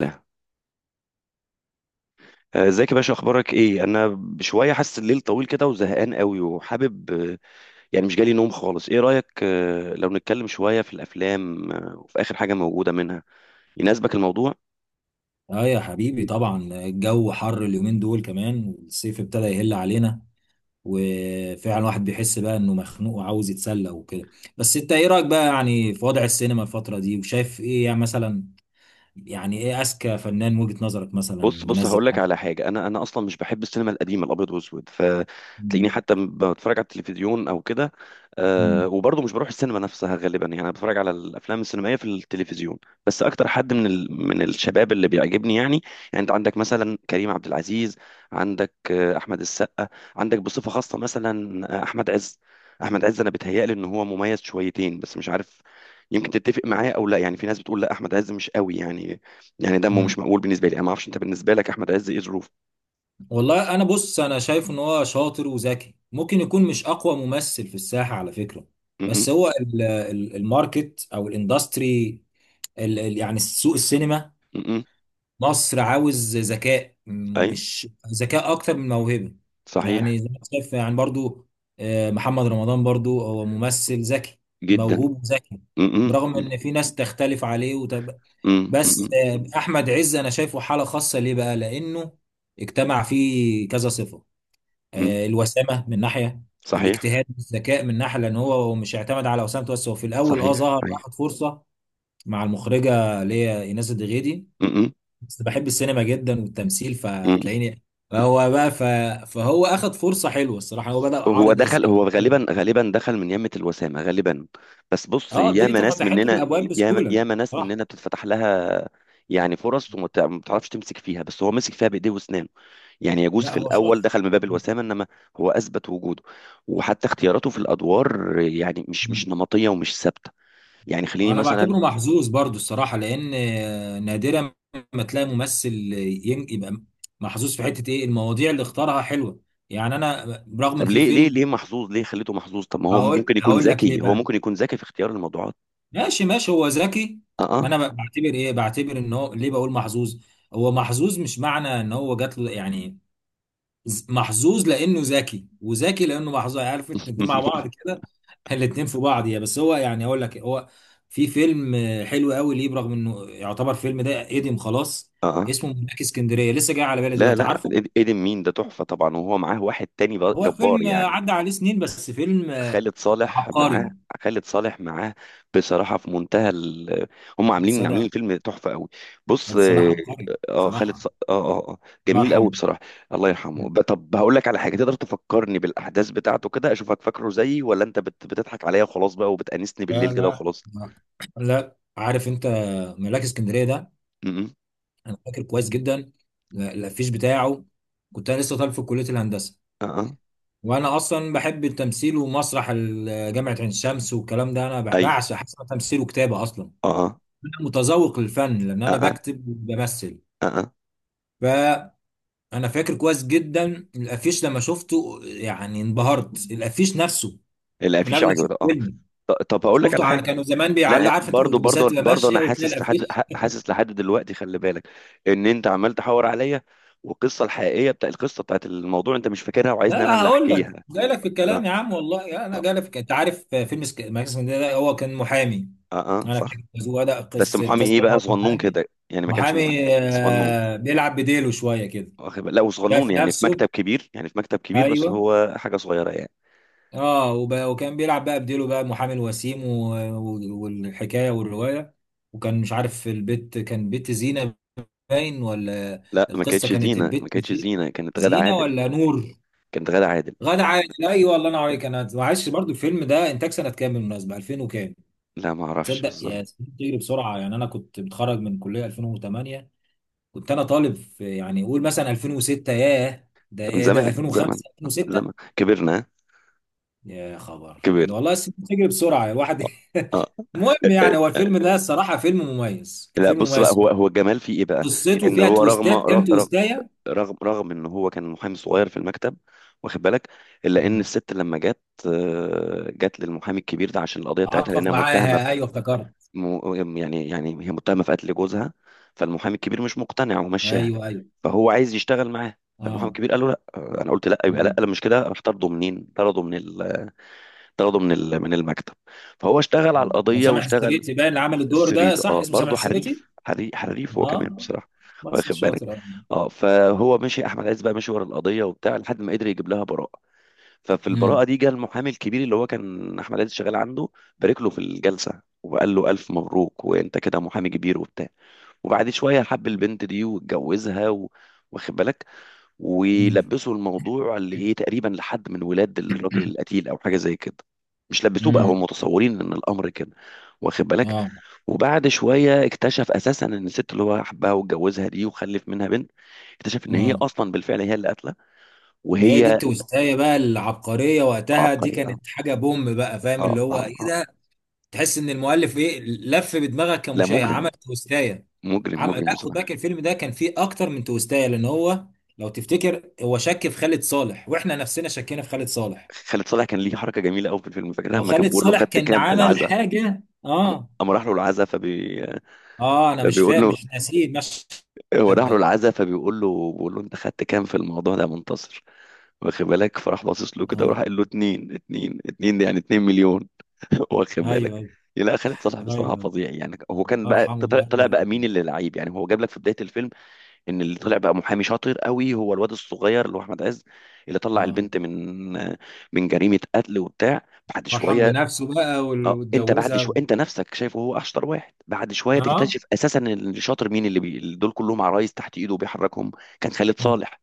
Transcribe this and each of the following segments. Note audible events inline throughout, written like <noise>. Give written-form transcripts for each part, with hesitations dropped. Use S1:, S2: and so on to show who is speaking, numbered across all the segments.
S1: لا. ازيك يا باشا، اخبارك ايه؟ انا شويه حاسس الليل طويل كده وزهقان قوي وحابب، يعني مش جالي نوم خالص. ايه رايك لو نتكلم شويه في الافلام، وفي اخر حاجه موجوده منها يناسبك الموضوع؟
S2: اه يا حبيبي، طبعا الجو حر اليومين دول كمان والصيف ابتدى يهل علينا. وفعلا الواحد بيحس بقى انه مخنوق وعاوز يتسلى وكده. بس انت ايه رايك بقى يعني في وضع السينما الفتره دي؟ وشايف ايه يعني مثلا؟ يعني ايه اذكى فنان من وجهه نظرك مثلا
S1: بص،
S2: منزل
S1: هقول لك
S2: حاجه؟
S1: على حاجه. انا اصلا مش بحب السينما القديمه الابيض والاسود، فتلاقيني
S2: مم.
S1: حتى بتفرج على التلفزيون او كده. أه،
S2: مم.
S1: وبرضه مش بروح السينما نفسها غالبا، يعني انا بتفرج على الافلام السينمائيه في التلفزيون. بس اكتر حد من ال... من الشباب اللي بيعجبني يعني، يعني انت عندك مثلا كريم عبد العزيز، عندك احمد السقا، عندك بصفه خاصه مثلا احمد عز. احمد عز انا بيتهيألي ان هو مميز شويتين، بس مش عارف، يمكن تتفق معايا او لا. يعني في ناس بتقول لا، احمد عز مش قوي يعني، يعني دمه مش
S2: مم.
S1: مقبول. بالنسبه لي انا ما اعرفش، انت بالنسبه لك احمد عز ايه ظروفه؟
S2: والله انا بص، انا شايف ان هو شاطر وذكي، ممكن يكون مش اقوى ممثل في الساحه على فكره،
S1: م- م-
S2: بس هو الماركت او الاندستري، يعني سوق السينما
S1: م- م.
S2: مصر عاوز ذكاء.
S1: ايوه.
S2: مش ذكاء اكتر من موهبه.
S1: صحيح.
S2: يعني زي ما شايف يعني برضو، محمد رمضان برضو هو ممثل ذكي،
S1: جدا.
S2: موهوب، ذكي.
S1: م- م-
S2: برغم
S1: م-
S2: ان في ناس تختلف عليه
S1: م- م-
S2: بس
S1: م-
S2: احمد عز انا شايفه حاله خاصه ليه بقى، لانه اجتمع فيه كذا صفه.
S1: م.
S2: الوسامه من ناحيه،
S1: صحيح.
S2: الاجتهاد، الذكاء من ناحيه، لان هو مش اعتمد على وسامته بس. هو في الاول
S1: صحيح.
S2: ظهر
S1: صحيح.
S2: واخد فرصه مع المخرجه اللي هي ايناس الدغيدي.
S1: م- م-
S2: بس بحب السينما جدا والتمثيل
S1: م.
S2: فتلاقيني، فهو بقى ف... فهو اخد فرصه حلوه الصراحه. هو بدأ
S1: هو
S2: عارض
S1: دخل،
S2: ازياء
S1: هو
S2: قدامه.
S1: غالبا دخل من يمة الوسامة غالبا. بس بص،
S2: اه، دي
S1: ياما ناس
S2: فتحت له
S1: مننا،
S2: الابواب
S1: ياما
S2: بسهوله
S1: ياما ناس
S2: صراحه.
S1: مننا بتتفتح لها يعني فرص ما بتعرفش تمسك فيها، بس هو مسك فيها بإيديه وأسنانه. يعني يجوز
S2: لا،
S1: في
S2: هو
S1: الأول
S2: شاطر.
S1: دخل من باب الوسامة، إنما هو أثبت وجوده، وحتى اختياراته في الأدوار يعني مش
S2: مم.
S1: نمطية ومش ثابتة. يعني خليني
S2: وانا
S1: مثلا.
S2: بعتبره محظوظ برضو الصراحه، لان نادرا ما تلاقي ممثل يبقى محظوظ في حته ايه. المواضيع اللي اختارها حلوه، يعني انا رغم ان
S1: طب
S2: في
S1: ليه، ليه
S2: فيلم.
S1: ليه محظوظ؟ ليه خليته محظوظ؟ طب ما هو
S2: هقول
S1: ممكن يكون
S2: هقول لك ليه
S1: ذكي، هو
S2: بقى.
S1: ممكن يكون ذكي في اختيار الموضوعات.
S2: ماشي ماشي، هو ذكي.
S1: اه
S2: ما
S1: اه.
S2: انا بعتبر ان هو ليه بقول محظوظ. هو محظوظ، مش معنى ان هو جات له يعني، محظوظ لانه ذكي، وذكي لانه محظوظ. يعني عارف انت، الاتنين مع
S1: <laughs>
S2: بعض كده. <laughs> الاتنين في بعض، يا، بس هو يعني اقول لك، هو في فيلم حلو قوي ليه، برغم انه يعتبر فيلم ده قديم خلاص،
S1: اه.
S2: اسمه ملاك اسكندريه، لسه جاي على بالي
S1: لا
S2: دلوقتي،
S1: لا،
S2: عارفه.
S1: ايدن مين ده؟ تحفة طبعا، وهو معاه واحد تاني
S2: هو
S1: جبار
S2: فيلم
S1: يعني.
S2: عدى عليه سنين، بس فيلم
S1: خالد صالح معاه.
S2: عبقري.
S1: خالد صالح معاه. بصراحة في منتهى ال... هم عاملين
S2: صلاح،
S1: الفيلم تحفة قوي. بص
S2: صلاح
S1: اه.
S2: عبقري
S1: خالد ص...
S2: صراحه،
S1: اه اه آه،
S2: الله
S1: جميل قوي
S2: يرحمه.
S1: بصراحة. الله يرحمه. طب هقول لك على حاجة. تقدر تفكرني بالأحداث بتاعته كده؟ أشوفك فاكره زيي ولا أنت بتضحك عليا وخلاص بقى، وبتأنسني
S2: لا،
S1: بالليل كده
S2: لا،
S1: وخلاص.
S2: لا، عارف انت ملاك اسكندريه ده،
S1: م- م.
S2: انا فاكر كويس جدا الافيش بتاعه. كنت انا لسه طالب في كليه الهندسه،
S1: اه اه.
S2: وانا اصلا بحب التمثيل ومسرح جامعه عين شمس والكلام ده. انا
S1: أيوه.
S2: بعشق حاجه اسمها تمثيل وكتابه اصلا.
S1: اه
S2: انا متذوق للفن لان
S1: اه
S2: انا
S1: اه
S2: بكتب وبمثل.
S1: اه.
S2: فانا فاكر كويس جدا الافيش لما شفته، يعني انبهرت، الافيش نفسه، من
S1: الافيش
S2: قبل ما
S1: عجبه
S2: اشوف
S1: ده اه.
S2: فيلم.
S1: طب هقول لك على
S2: شفته على،
S1: حاجة.
S2: كانوا زمان
S1: لا،
S2: بيعلقوا، عارف انت
S1: برضو
S2: الاتوبيسات
S1: برضو
S2: اللي
S1: برضو
S2: ماشيه
S1: انا
S2: وتلاقي
S1: حاسس لحد،
S2: الافيش.
S1: حاسس لحد دلوقتي، خلي بالك ان انت عمال تحور عليا، والقصه الحقيقيه بتاع القصه بتاعت الموضوع انت مش فاكرها،
S2: لا،
S1: وعايزني انا
S2: لا،
S1: اللي
S2: هقول لك
S1: احكيها.
S2: جاي لك في
S1: اه
S2: الكلام يا عم، والله انا
S1: اه
S2: جاي لك في انت عارف فيلم ماكس سكندري ده، هو كان محامي.
S1: اه،
S2: انا
S1: صح.
S2: فاكر هو ده
S1: بس
S2: قصه
S1: محامي
S2: القصه
S1: ايه
S2: إن
S1: بقى؟
S2: هو كان
S1: صغنون
S2: محامي.
S1: كده يعني، ما كانش محامي
S2: محامي
S1: صغنون،
S2: بيلعب بديله شويه كده،
S1: واخد بالك؟ لا، وصغنون
S2: شايف
S1: يعني في
S2: نفسه.
S1: مكتب كبير، يعني في مكتب كبير، بس
S2: ايوه،
S1: هو حاجه صغيره يعني.
S2: اه، وكان بيلعب بقى بديله بقى محامي الوسيم والحكايه والروايه. وكان مش عارف البيت كان بيت زينه، باين ولا،
S1: لا ما
S2: القصه
S1: كانتش
S2: كانت
S1: زينه ما
S2: البيت
S1: كانتش زينه كانت غادة
S2: زينه
S1: عادل.
S2: ولا نور.
S1: كانت غادة عادل.
S2: غادة عادل، ايوه، الله ينور عليك، انا معلش. برضو الفيلم ده انتاج سنه كام بالمناسبه؟ 2000 وكام.
S1: لا ما اعرفش
S2: تصدق
S1: بالظبط.
S2: يا سنين بتجري بسرعه، يعني انا كنت متخرج من كليه 2008. كنت انا طالب في، يعني قول مثلا، 2006. ياه، ده
S1: من
S2: ايه ده؟
S1: زمان، زمان،
S2: 2005، 2006.
S1: زمان، كبرنا، ها؟
S2: يا خبر،
S1: كبرنا.
S2: والله السنين بتجري بسرعه الواحد.
S1: اه.
S2: <laughs>
S1: آه.
S2: المهم
S1: آه،
S2: يعني، هو الفيلم ده الصراحه فيلم مميز،
S1: لا
S2: الفيلم
S1: بص بقى،
S2: مميز.
S1: هو الجمال فيه ايه بقى.
S2: قصته
S1: ان
S2: فيها
S1: هو رغم
S2: تويستات،
S1: رغم
S2: كام تويستايه.
S1: رغم رغم ان هو كان محامي صغير في المكتب، واخد بالك، الا ان
S2: مم.
S1: الست لما جت، جت للمحامي الكبير ده عشان القضيه بتاعتها،
S2: عاطف
S1: لانها متهمه
S2: معاها،
S1: في...
S2: ايوه افتكرت.
S1: يعني هي متهمه في قتل جوزها. فالمحامي الكبير مش مقتنع ومشاها،
S2: ايوه ايوه،
S1: فهو عايز يشتغل معاه. فالمحامي
S2: اه.
S1: الكبير قال له لا، انا قلت لا يبقى لا.
S2: مم.
S1: لما مش كده، راح طرده. منين طرده؟ من ال... طرده من ال... من المكتب. فهو اشتغل على
S2: كان
S1: القضيه
S2: سامح
S1: واشتغل.
S2: السريتي باين اللي عمل الدور
S1: السريت
S2: ده، صح،
S1: اه،
S2: اسمه سامح
S1: برضه
S2: السريتي.
S1: حريف حريف هو كمان
S2: اه،
S1: بصراحه،
S2: ممثل
S1: واخد بالك.
S2: شاطر، اه.
S1: اه، فهو مشي. احمد عز بقى مشي ورا القضيه وبتاع لحد ما قدر يجيب لها براءه. ففي البراءه
S2: امم.
S1: دي، جه المحامي الكبير اللي هو كان احمد عز شغال عنده، بارك له في الجلسه وقال له الف مبروك، وانت كده محامي كبير وبتاع. وبعد شويه حب البنت دي واتجوزها و... واخد بالك.
S2: امم.
S1: ولبسوا الموضوع اللي ايه تقريبا لحد من ولاد الراجل القتيل، او حاجه زي كده. مش لبسوه بقى، هم
S2: امم.
S1: متصورين ان الامر كده، واخد بالك.
S2: اه،
S1: وبعد شويه اكتشف اساسا ان الست اللي هو حبها واتجوزها دي وخلف منها بنت، اكتشف ان هي
S2: اه.
S1: اصلا بالفعل هي اللي قاتله.
S2: ما هي دي
S1: وهي
S2: التويستايه بقى العبقريه وقتها، دي
S1: عبقريه اه.
S2: كانت حاجه بوم بقى، فاهم
S1: اه
S2: اللي هو
S1: اه
S2: ايه
S1: اه.
S2: ده؟ تحس ان المؤلف ايه، لف بدماغك
S1: لا
S2: كمشاهد،
S1: مجرم،
S2: عمل تويستايه.
S1: مجرم
S2: لا،
S1: مجرم
S2: خد
S1: بصراحه.
S2: بالك الفيلم ده كان فيه اكتر من تويستايه، لان هو لو تفتكر هو شك في خالد صالح، واحنا نفسنا شكينا في خالد صالح،
S1: خالد صالح كان ليه حركه جميله قوي في الفيلم، فاكرها لما كان
S2: وخالد
S1: بيقول له
S2: صالح
S1: خدت
S2: كان
S1: كام في
S2: عمل
S1: العزاء.
S2: حاجه،
S1: أما،
S2: اه.
S1: أما راح له العزاء
S2: اه، انا مش
S1: فبيقول
S2: فاهم،
S1: له،
S2: مش ناسيه المشهد
S1: هو راح له
S2: ده،
S1: العزاء فبيقول له، بيقول له انت خدت كام في الموضوع ده يا منتصر؟ واخد بالك، فراح باصص له كده
S2: اه.
S1: وراح قال له اتنين اتنين اتنين، يعني 2 مليون. <laughs> واخد
S2: ايوه
S1: بالك.
S2: ايوه
S1: لا خالد صالح بصراحه
S2: ايوه.
S1: فظيع يعني. هو كان بقى
S2: ارحمه،
S1: طلع
S2: لا
S1: طلع
S2: ده
S1: بقى مين
S2: كان
S1: اللي لعيب يعني. هو جاب لك في بدايه الفيلم ان اللي طلع بقى محامي شاطر قوي هو الواد الصغير اللي هو احمد عز، اللي طلع
S2: اه
S1: البنت من من جريمه قتل وبتاع. بعد
S2: فرحان
S1: شويه،
S2: بنفسه بقى،
S1: اه، انت بعد
S2: واتجوزها
S1: شويه
S2: و...
S1: انت نفسك شايفه هو اشطر واحد. بعد شويه تكتشف
S2: اه،
S1: اساسا ان اللي شاطر مين. اللي دول كلهم عرايس تحت ايده وبيحركهم. كان خالد صالح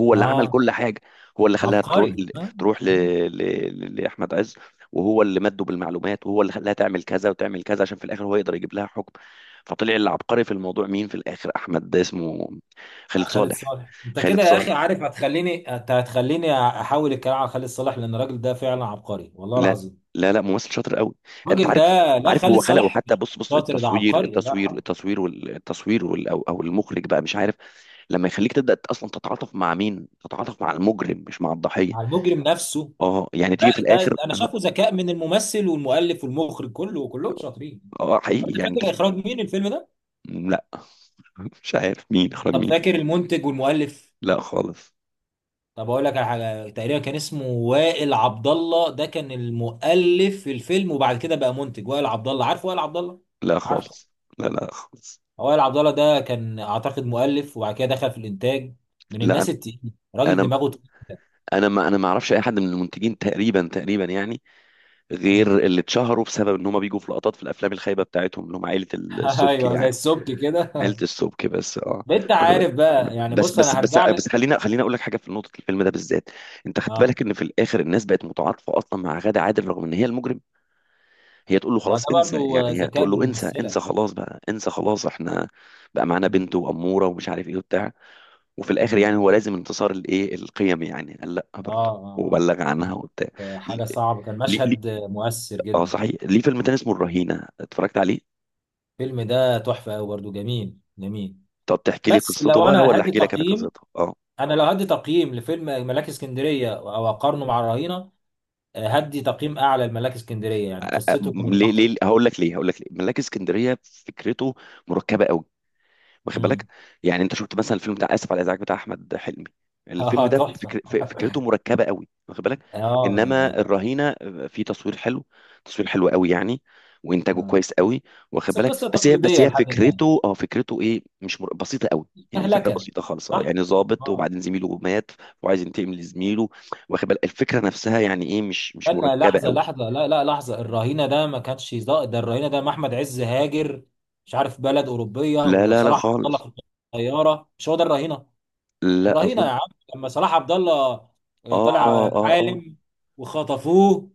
S1: هو اللي عمل
S2: اه،
S1: كل حاجه. هو اللي خلاها تروح
S2: عبقري،
S1: ل...
S2: اه.
S1: تروح ل... لاحمد عز. وهو اللي مده بالمعلومات، وهو اللي خلاها تعمل كذا وتعمل كذا، عشان في الاخر هو يقدر يجيب لها حكم. فطلع العبقري في الموضوع مين في الاخر؟ احمد ده اسمه... خالد
S2: خالد
S1: صالح.
S2: صالح، انت كده
S1: خالد
S2: يا
S1: صالح.
S2: اخي عارف، هتخليني، انت هتخليني احاول الكلام على خالد صالح، لان الراجل ده فعلا عبقري والله
S1: لا
S2: العظيم.
S1: لا، لا ممثل شاطر قوي. انت
S2: الراجل ده،
S1: عارف،
S2: لا،
S1: عارف
S2: خالد
S1: هو خلقه
S2: صالح
S1: حتى.
S2: مش
S1: بص بص،
S2: شاطر، ده
S1: التصوير،
S2: عبقري، الله
S1: التصوير
S2: يرحمه.
S1: التصوير والتصوير وال... او أو المخرج بقى مش عارف. لما يخليك تبدا اصلا تتعاطف مع مين، تتعاطف مع المجرم مش مع الضحيه.
S2: مع المجرم نفسه.
S1: اه، يعني
S2: ده
S1: تيجي في
S2: ده
S1: الاخر
S2: انا
S1: انا...
S2: شايفه ذكاء من الممثل والمؤلف والمخرج كله، كلهم شاطرين.
S1: اه
S2: طب
S1: حقيقي.
S2: انت
S1: يعني انت
S2: فاكر اخراج مين الفيلم ده؟
S1: لا. <laughs> مش عارف مين اخرج
S2: طب
S1: مين.
S2: فاكر المنتج والمؤلف؟
S1: لا خالص.
S2: طب اقول لك على حاجه، تقريبا كان اسمه وائل عبد الله. ده كان المؤلف في الفيلم وبعد كده بقى منتج. وائل عبد الله، عارف وائل عبد الله؟
S1: لا
S2: عارف.
S1: خالص. لا لا خالص.
S2: وائل عبد الله ده كان اعتقد مؤلف، وبعد كده دخل في الانتاج. من
S1: لا
S2: الناس التقيله، راجل
S1: انا،
S2: دماغه تقيل.
S1: ما اعرفش اي حد من المنتجين تقريبا، تقريبا يعني،
S2: مم.
S1: غير اللي اتشهروا بسبب ان هم بيجوا في لقطات في الافلام الخايبه بتاعتهم، اللي هم عائله
S2: <laughs>
S1: السبك
S2: ايوه زي
S1: يعني.
S2: السبك كده.
S1: عائله
S2: <laughs>
S1: السبك بس اه.
S2: ده انت
S1: واخد بالك؟
S2: عارف بقى يعني،
S1: بس
S2: بص
S1: بس
S2: انا
S1: بس
S2: هرجع
S1: بس
S2: لك.
S1: خلينا، خلينا اقول لك حاجه في نقطه الفيلم ده بالذات. انت خدت
S2: اه،
S1: بالك ان في الاخر الناس بقت متعاطفه اصلا مع غادة عادل رغم ان هي المجرم؟ هي تقول له
S2: ما ده
S1: خلاص انسى،
S2: برضو
S1: يعني هي
S2: ذكاء
S1: تقول
S2: من
S1: له انسى
S2: الممثله.
S1: انسى خلاص بقى، انسى خلاص احنا بقى معانا
S2: مم.
S1: بنت واموره ومش عارف ايه وبتاع. وفي الاخر
S2: مم.
S1: يعني هو لازم انتصار الايه، القيم يعني، قال لا
S2: اه،
S1: برضه
S2: اه، اه.
S1: وبلغ عنها
S2: كانت
S1: وبتاع.
S2: حاجة صعبة، كان
S1: ليه،
S2: مشهد مؤثر
S1: اه
S2: جدا.
S1: صحيح، ليه فيلم تاني اسمه الرهينة اتفرجت عليه؟
S2: الفيلم ده تحفة أوي، برضه جميل جميل.
S1: طب تحكي لي
S2: بس
S1: قصته
S2: لو
S1: بقى
S2: أنا
S1: ولا
S2: هدي
S1: احكي لك انا
S2: تقييم،
S1: قصته؟ اه.
S2: أنا لو هدي تقييم لفيلم ملاك اسكندرية أو أقارنه مع الرهينة، هدي تقييم أعلى لملاك اسكندرية، يعني قصته كانت
S1: ليه؟
S2: أقوى.
S1: هقول لك ليه ملاك اسكندرية. فكرته مركبة قوي، واخد بالك.
S2: امم.
S1: يعني انت شفت مثلا الفيلم بتاع اسف على الازعاج بتاع احمد حلمي؟ الفيلم
S2: اه،
S1: ده
S2: تحفة.
S1: فكرته
S2: <laughs>
S1: مركبه قوي، واخد بالك.
S2: اه، ده
S1: انما
S2: ده
S1: الرهينه، في تصوير حلو، تصوير حلو قوي يعني، وانتاجه
S2: آه.
S1: كويس قوي، واخد
S2: بس
S1: بالك.
S2: قصة
S1: بس هي،
S2: تقليدية لحد ما،
S1: فكرته اه فكرته ايه مش بسيطه قوي يعني. الفكره
S2: مهلكة،
S1: بسيطه خالص اه.
S2: صح؟
S1: يعني ظابط،
S2: آه.
S1: وبعدين زميله مات وعايز ينتقم لزميله، واخد بالك. الفكره نفسها يعني ايه مش
S2: استنى
S1: مركبه
S2: لحظة
S1: قوي.
S2: لحظة، لا لا، لحظة، الرهينة ده ما كانش ده الرهينة، ده محمد عز هاجر، مش عارف بلد أوروبية،
S1: لا لا لا
S2: وصلاح عبد الله
S1: خالص.
S2: في الطيارة، مش هو ده الرهينة؟
S1: لا
S2: الرهينة
S1: اظن.
S2: يا عم، لما صلاح عبد الله
S1: اه
S2: طلع
S1: اه اه.
S2: عالم وخطفوه،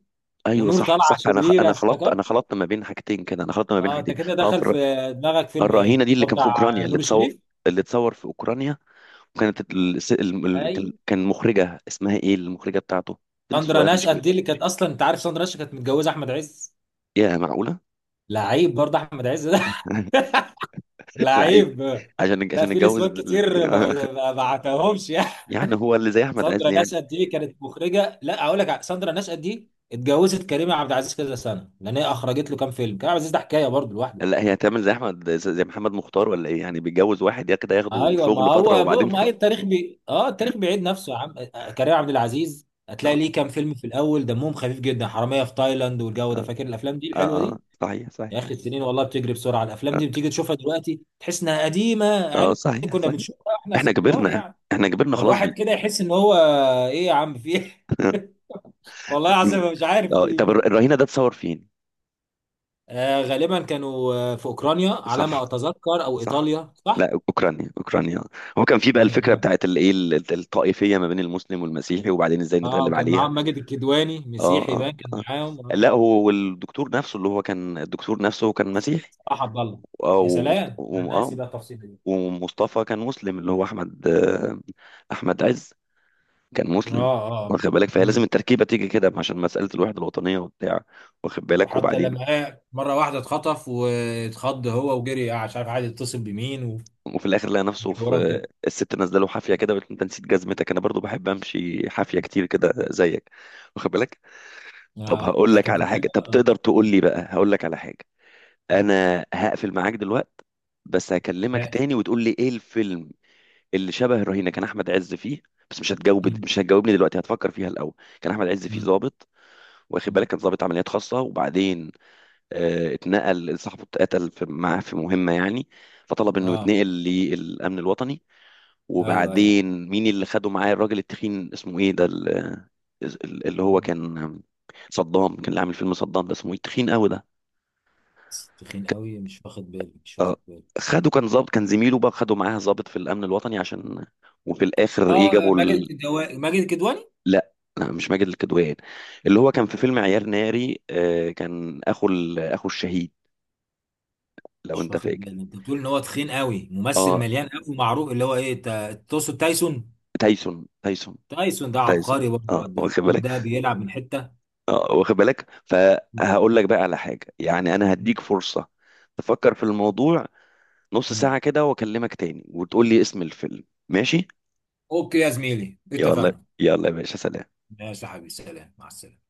S1: ايوه
S2: ونور
S1: صح صح،
S2: طالعة
S1: انا
S2: شريرة،
S1: خلطت،
S2: افتكرت؟
S1: ما بين حاجتين كده. انا خلطت ما بين
S2: اه، انت
S1: حاجتين.
S2: كده
S1: اه في
S2: دخل في دماغك فيلم
S1: الرهينه
S2: ايه؟
S1: دي اللي
S2: هو
S1: كان في
S2: بتاع
S1: اوكرانيا، اللي
S2: نور
S1: تصور،
S2: الشريف؟
S1: اللي اتصور في اوكرانيا. وكانت ال...
S2: اي.
S1: كان مخرجه اسمها ايه، المخرجه بتاعته، بنت
S2: ساندرا
S1: صغيره مش
S2: نشأت
S1: كبيره.
S2: دي اللي كانت اصلا، انت عارف ساندرا نشأت كانت متجوزة احمد عز.
S1: يا معقوله!
S2: لعيب برضه احمد عز ده.
S1: <laughs>
S2: <laughs>
S1: لعيب.
S2: لعيب.
S1: عشان
S2: لا، في
S1: نتجوز
S2: نسوان
S1: الاتنين.
S2: كتير
S1: <laughs>
S2: ما بعتهمش يعني.
S1: يعني هو اللي زي
S2: <laughs>
S1: احمد عز
S2: ساندرا
S1: يعني.
S2: نشأت دي كانت مخرجه، لا اقول لك، ساندرا نشأت دي اتجوزت كريم عبد العزيز كذا سنه، لان هي اخرجت له كام فيلم، كريم عبد العزيز ده حكايه برضه لوحده.
S1: لا، هي هتعمل زي احمد، زي محمد مختار ولا ايه، يعني بيتجوز واحد يا كده ياخده
S2: ايوه، ما
S1: شغل فتره
S2: هو
S1: وبعدين...
S2: ما هي،
S1: <laughs>
S2: التاريخ بي اه التاريخ بيعيد نفسه يا عم. كريم عبد العزيز
S1: اه
S2: هتلاقي ليه كام فيلم في الاول دمهم خفيف جدا، حراميه في تايلاند والجو ده،
S1: اه
S2: فاكر الافلام دي
S1: اه.
S2: الحلوه دي.
S1: صحيح صحيح.
S2: يا اخي السنين والله بتجري بسرعه، الافلام
S1: اه،
S2: دي بتيجي تشوفها دلوقتي تحس انها قديمه يعني،
S1: صحيح
S2: كنا
S1: صحيح.
S2: بنشوفها احنا
S1: احنا
S2: كبار
S1: كبرنا.
S2: يعني.
S1: احنا كبرنا خلاص بقى.
S2: الواحد كده يحس ان هو، ايه يا عم في ايه؟ <laughs> والله
S1: مم.
S2: العظيم أنا مش عارف في
S1: اه،
S2: ايه
S1: طب
S2: والله.
S1: الرهينه ده اتصور فين؟
S2: آه، غالبا كانوا في اوكرانيا على
S1: صح.
S2: ما اتذكر، او
S1: صح.
S2: ايطاليا، صح،
S1: لا اوكرانيا، اوكرانيا. هو كان في بقى
S2: اوكرانيا
S1: الفكره
S2: بلد.
S1: بتاعت الايه، الطائفيه ما بين المسلم والمسيحي، وبعدين ازاي
S2: اه،
S1: نتغلب
S2: وكان
S1: عليها.
S2: معاهم ماجد الكدواني
S1: اه
S2: مسيحي
S1: اه
S2: بقى، كان
S1: اه.
S2: معاهم، اه.
S1: لا، هو والدكتور نفسه اللي هو كان، الدكتور نفسه كان مسيحي.
S2: صح، عبد الله.
S1: اه
S2: يا سلام، انا ناسي بقى التفصيله دي.
S1: ومصطفى كان مسلم، اللي هو احمد، احمد عز، كان
S2: اه،
S1: مسلم،
S2: اه.
S1: واخد بالك. فهي لازم
S2: امم.
S1: التركيبه تيجي كده عشان مساله الوحده الوطنيه وبتاع، واخد بالك.
S2: وحتى
S1: وبعدين،
S2: لما مره واحده اتخطف واتخض هو وجري، مش عارف عايز يتصل بمين،
S1: وفي الاخر لقى نفسه
S2: والحوارات دي.
S1: في الست نازله له حافيه كده وقالت له، انت نسيت جزمتك، انا برضو بحب امشي حافيه كتير كده زيك، واخد بالك. طب
S2: اه،
S1: هقول
S2: ده
S1: لك
S2: كان في
S1: على
S2: فيلم،
S1: حاجه. طب
S2: اه.
S1: تقدر تقول
S2: مم.
S1: لي بقى، هقول لك على حاجه،
S2: مم.
S1: انا هقفل معاك دلوقتي بس هكلمك
S2: ماشي.
S1: تاني وتقول لي ايه الفيلم اللي شبه الرهينه كان احمد عز فيه. بس مش هتجاوب،
S2: مم.
S1: مش هتجاوبني دلوقتي، هتفكر فيها الاول. كان احمد عز فيه
S2: مم.
S1: ضابط، واخد بالك،
S2: مم.
S1: كان ضابط عمليات خاصه. وبعدين آه اتنقل، صاحبه اتقتل في، معاه في مهمه يعني، فطلب انه
S2: اه،
S1: يتنقل للامن الوطني.
S2: ايوه، ايوه.
S1: وبعدين مين اللي خده معاه؟ الراجل التخين اسمه ايه ده، اللي هو كان، صدام، كان اللي عامل فيلم صدام ده، اسمه ايه التخين قوي ده؟
S2: بس تخين قوي، مش واخد بالي، مش
S1: آه،
S2: واخد بالي.
S1: خده كان ظابط، كان زميله بقى خده معاه ظابط في الامن الوطني عشان. وفي الاخر ايه،
S2: اه،
S1: جابوا
S2: ماجد
S1: ال...
S2: الكدواني، ماجد الكدواني،
S1: لا لا مش ماجد الكدواني، اللي هو كان في فيلم عيار ناري، كان اخو ال... اخو الشهيد، لو
S2: مش
S1: انت
S2: واخد
S1: فاكر.
S2: بالي. انت بتقول ان هو تخين قوي، ممثل
S1: اه،
S2: مليان قوي ومعروف اللي هو ايه، تقصد تايسون؟
S1: تايسون
S2: تايسون ده
S1: تايسون.
S2: عبقري برضه،
S1: اه
S2: الواد ده،
S1: واخد
S2: الواد
S1: بالك.
S2: ده بيلعب من حته.
S1: اه واخد بالك. فهقول لك بقى على حاجة، يعني انا هديك فرصة تفكر في الموضوع نص
S2: مم.
S1: ساعة كده، واكلمك تاني وتقول لي اسم الفيلم، ماشي؟
S2: اوكي يا زميلي،
S1: يلا،
S2: اتفقنا.
S1: يلا يا باشا، سلام.
S2: ماشي يا حبيبي، سلام، مع السلامه.